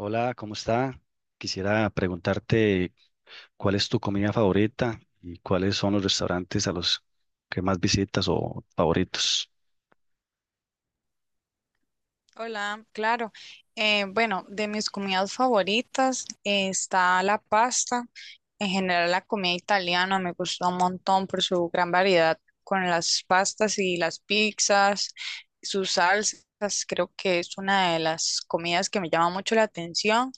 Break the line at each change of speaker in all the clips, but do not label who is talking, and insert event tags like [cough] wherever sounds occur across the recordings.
Hola, ¿cómo está? Quisiera preguntarte cuál es tu comida favorita y cuáles son los restaurantes a los que más visitas o favoritos.
Hola, claro. Bueno, de mis comidas favoritas está la pasta. En general, la comida italiana me gusta un montón por su gran variedad con las pastas y las pizzas, sus salsas. Creo que es una de las comidas que me llama mucho la atención.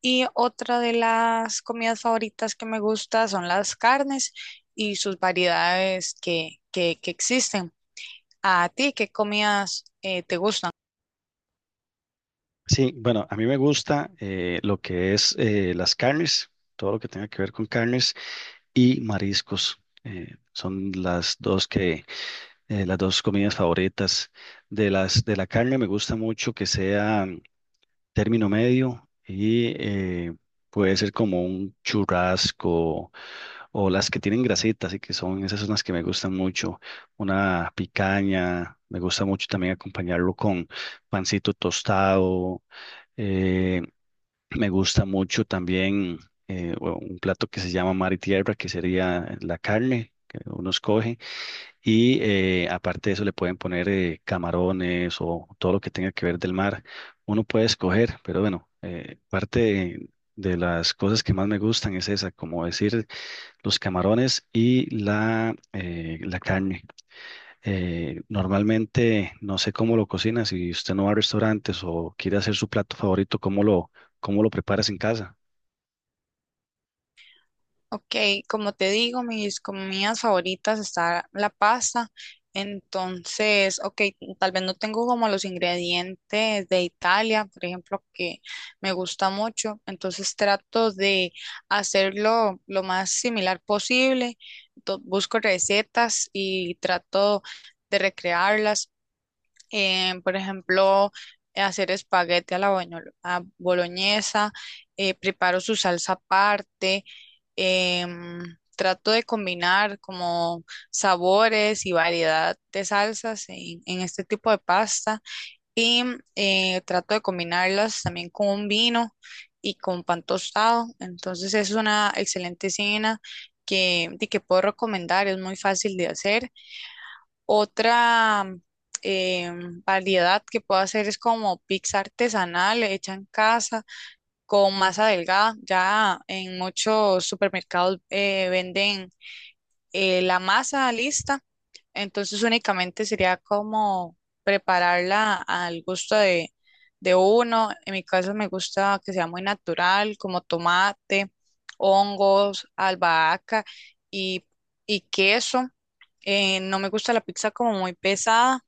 Y otra de las comidas favoritas que me gusta son las carnes y sus variedades que existen. ¿A ti qué comidas te gustan?
Sí, bueno, a mí me gusta lo que es las carnes, todo lo que tenga que ver con carnes y mariscos. Son las dos que, Las dos comidas favoritas. De la carne me gusta mucho que sea término medio y, puede ser como un churrasco o las que tienen grasitas y que son, esas son las que me gustan mucho. Una picaña, me gusta mucho también acompañarlo con pancito tostado. eh, Me gusta mucho también, o un plato que se llama mar y tierra, que sería la carne que uno escoge. Y, aparte de eso le pueden poner camarones o todo lo que tenga que ver del mar. Uno puede escoger, pero bueno, parte de las cosas que más me gustan es esa, como decir, los camarones y la, la carne. Normalmente no sé cómo lo cocina, si usted no va a restaurantes o quiere hacer su plato favorito, cómo lo preparas en casa?
Ok, como te digo, mis comidas favoritas está la pasta. Entonces, ok, tal vez no tengo como los ingredientes de Italia, por ejemplo, que me gusta mucho. Entonces trato de hacerlo lo más similar posible. Busco recetas y trato de recrearlas, por ejemplo, hacer espagueti a boloñesa, preparo su salsa aparte, em, trato de combinar como sabores y variedad de salsas en este tipo de pasta y trato de combinarlas también con un vino y con pan tostado. Entonces es una excelente cena que, di que puedo recomendar, es muy fácil de hacer. Otra eh, variedad que puedo hacer es como pizza artesanal hecha en casa con masa delgada. Ya en muchos supermercados venden la masa lista, entonces únicamente sería como prepararla al gusto de uno. En mi caso me gusta que sea muy natural, como tomate, hongos, albahaca y, y queso. No me gusta la pizza como muy pesada.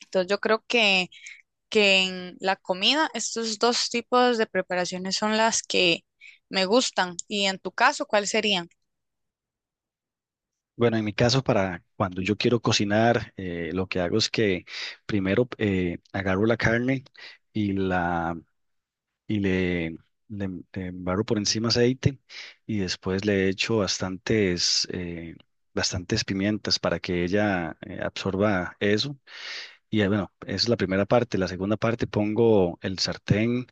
Entonces yo creo que en la comida estos dos tipos de preparaciones son las que me gustan. Y en tu caso, ¿cuáles serían?
Bueno, en mi caso, para cuando yo quiero cocinar, lo que hago es que primero agarro la carne y la y le embarro por encima aceite y después le echo bastantes, bastantes pimientas para que ella absorba eso. Y, bueno, esa es la primera parte. La segunda parte, pongo el sartén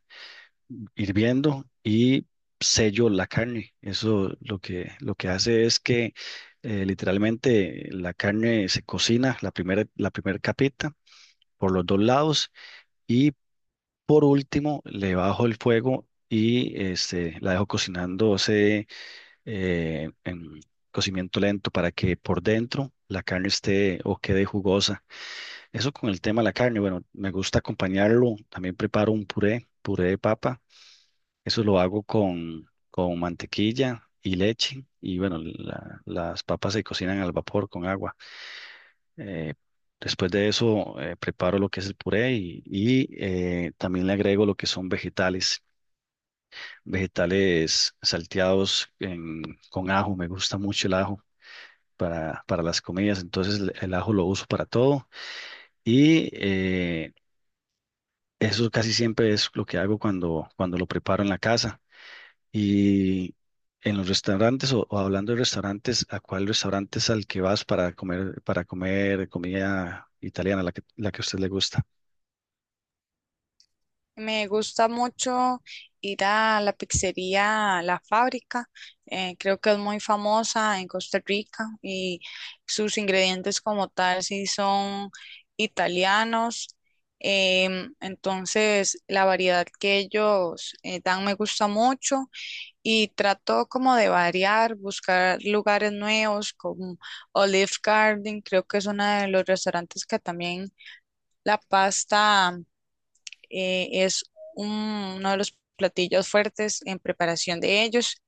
hirviendo y sello la carne. Eso lo que hace es que, literalmente la carne se cocina, la primera capita por los dos lados y, por último, le bajo el fuego y este, la dejo cocinándose en cocimiento lento para que por dentro la carne esté o quede jugosa. Eso con el tema de la carne. Bueno, me gusta acompañarlo. También preparo un puré, puré de papa. Eso lo hago con mantequilla y leche. Y bueno, las papas se cocinan al vapor con agua. Eh, Después de eso, preparo lo que es el puré y, también le agrego lo que son vegetales, vegetales salteados en- con ajo. Me gusta mucho el ajo para las comidas. Entonces, el ajo lo uso para todo. Y, eso casi siempre es lo que hago cuando, cuando lo preparo en la casa. Y en los restaurantes o hablando de restaurantes, ¿a cuál restaurante es al que vas para comer comida italiana, la que a usted le gusta?
Me gusta mucho ir a la pizzería La Fábrica. Creo que es muy famosa en Costa Rica y sus ingredientes como tal sí son italianos. Entonces la variedad que ellos dan me gusta mucho. Y trato como de variar, buscar lugares nuevos como Olive Garden, creo que es uno de los restaurantes que también la pasta es un- uno de los platillos fuertes en preparación de ellos.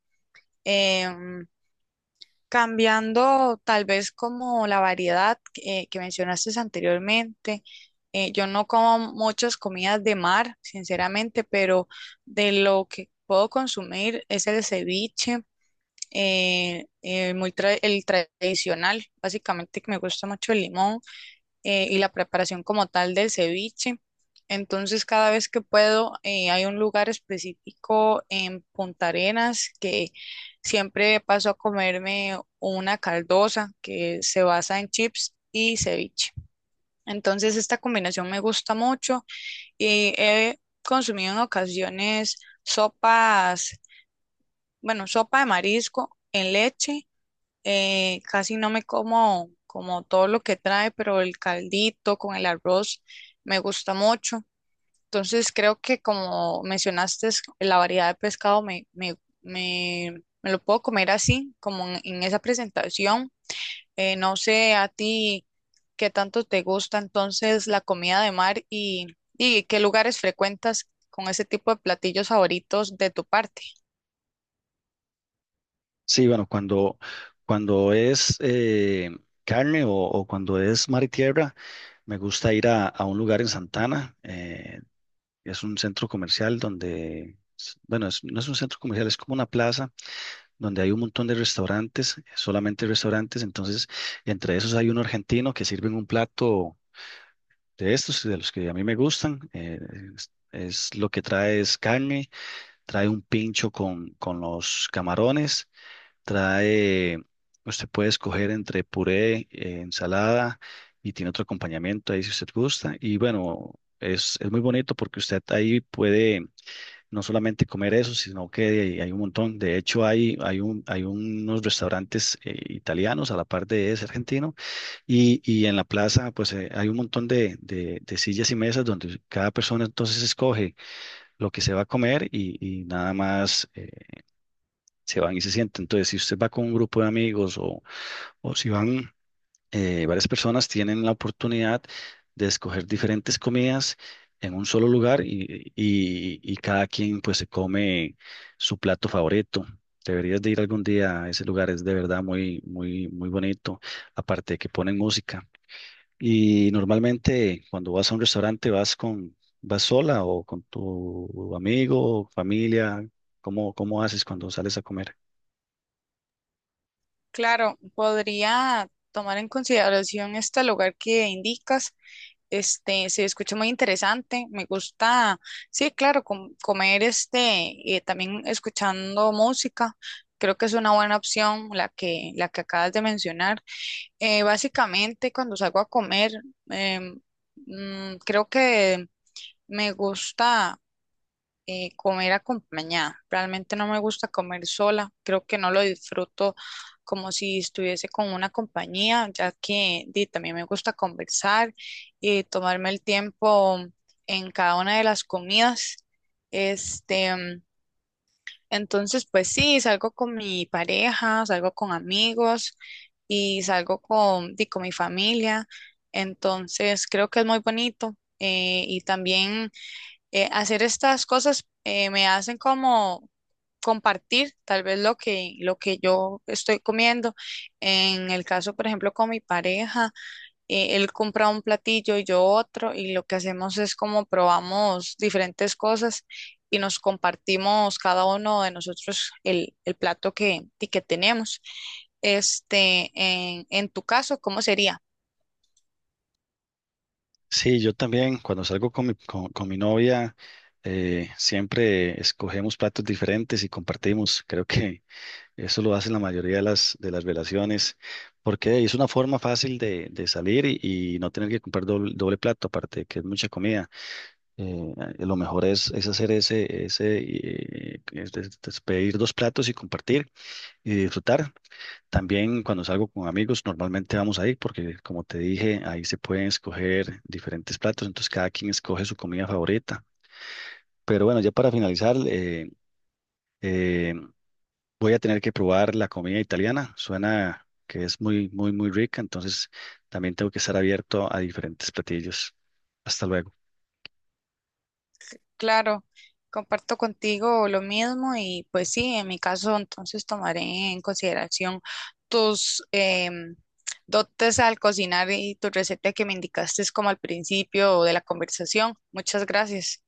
Em, Cambiando tal vez como la variedad que mencionaste anteriormente. Yo no como muchas comidas de mar, sinceramente, pero de lo que puedo consumir es el ceviche, el tradicional, básicamente que me gusta mucho el limón y la preparación como tal del ceviche. Entonces, cada vez que puedo, hay un lugar específico en Punta Arenas que siempre paso a comerme una caldosa que se basa en chips y ceviche. Entonces, esta combinación me gusta mucho y he consumido en ocasiones sopas, bueno, sopa de marisco en leche. Casi no me como como todo lo que trae, pero el caldito con el arroz me gusta mucho. Entonces creo que como mencionaste, la variedad de pescado me lo puedo comer así, como en esa presentación. No sé a ti qué tanto te gusta entonces la comida de mar y qué lugares frecuentas con ese tipo de platillos favoritos de tu parte.
Sí, bueno, cuando es carne o cuando es mar y tierra, me gusta ir a un lugar en Santana. Es un centro comercial donde, bueno, no es un centro comercial, es como una plaza donde hay un montón de restaurantes, solamente restaurantes. Entonces, entre esos hay un argentino que sirve un plato de estos, de los que a mí me gustan. Es lo que trae, es carne, trae un pincho con los camarones, trae, usted puede escoger entre puré, ensalada y tiene otro acompañamiento ahí si usted gusta. Y bueno, es muy bonito porque usted ahí puede no solamente comer eso, sino que hay un montón. De hecho, hay unos restaurantes italianos a la par de ese argentino y en la plaza pues, hay un montón de sillas y mesas donde cada persona entonces escoge lo que se va a comer y nada más, se van y se sienten. Entonces, si usted va con un grupo de amigos o si van, varias personas tienen la oportunidad de escoger diferentes comidas en un solo lugar y, y cada quien pues se come su plato favorito. Deberías de ir algún día a ese lugar, es de verdad muy, muy, muy bonito, aparte de que ponen música. Y normalmente cuando vas a un restaurante vas con, vas sola o con tu amigo, familia, ¿cómo, cómo haces cuando sales a comer?
Claro, podría tomar en consideración este lugar que indicas. Este, se escucha muy interesante. Me gusta, sí, claro, comer este, también escuchando música. Creo que es una buena opción la que acabas de mencionar. Básicamente, cuando salgo a comer, em, creo que me gusta comer acompañada. Realmente no me gusta comer sola, creo que no lo disfruto como si estuviese con una compañía, ya que di, también me gusta conversar y tomarme el tiempo en cada una de las comidas. Este, entonces, pues sí, salgo con mi pareja, salgo con amigos y salgo con, di, con mi familia. Entonces, creo que es muy bonito. Y también hacer estas cosas me hacen como compartir tal vez lo que yo estoy comiendo. En el caso, por ejemplo, con mi pareja, él compra un platillo y yo otro, y lo que hacemos es como probamos diferentes cosas y nos compartimos cada uno de nosotros el plato que, y que tenemos. Este, en tu caso, ¿cómo sería?
Sí, yo también, cuando salgo con mi novia, siempre escogemos platos diferentes y compartimos. Creo que [laughs] eso lo hacen la mayoría de las relaciones, porque hey, es una forma fácil de salir y no tener que comprar doble, doble plato, aparte de que es mucha comida. Eh, lo mejor es hacer ese, ese, es pedir dos platos y compartir y disfrutar. También cuando salgo con amigos, normalmente vamos ahí porque, como te dije, ahí se pueden escoger diferentes platos, entonces cada quien escoge su comida favorita. Pero bueno, ya para finalizar, eh, voy a tener que probar la comida italiana. Suena que es muy, muy, muy rica, entonces también tengo que estar abierto a diferentes platillos. Hasta luego.
Claro, comparto contigo lo mismo y pues sí, en mi caso entonces tomaré en consideración tus dotes al cocinar y tu receta que me indicaste como al principio de la conversación. Muchas gracias.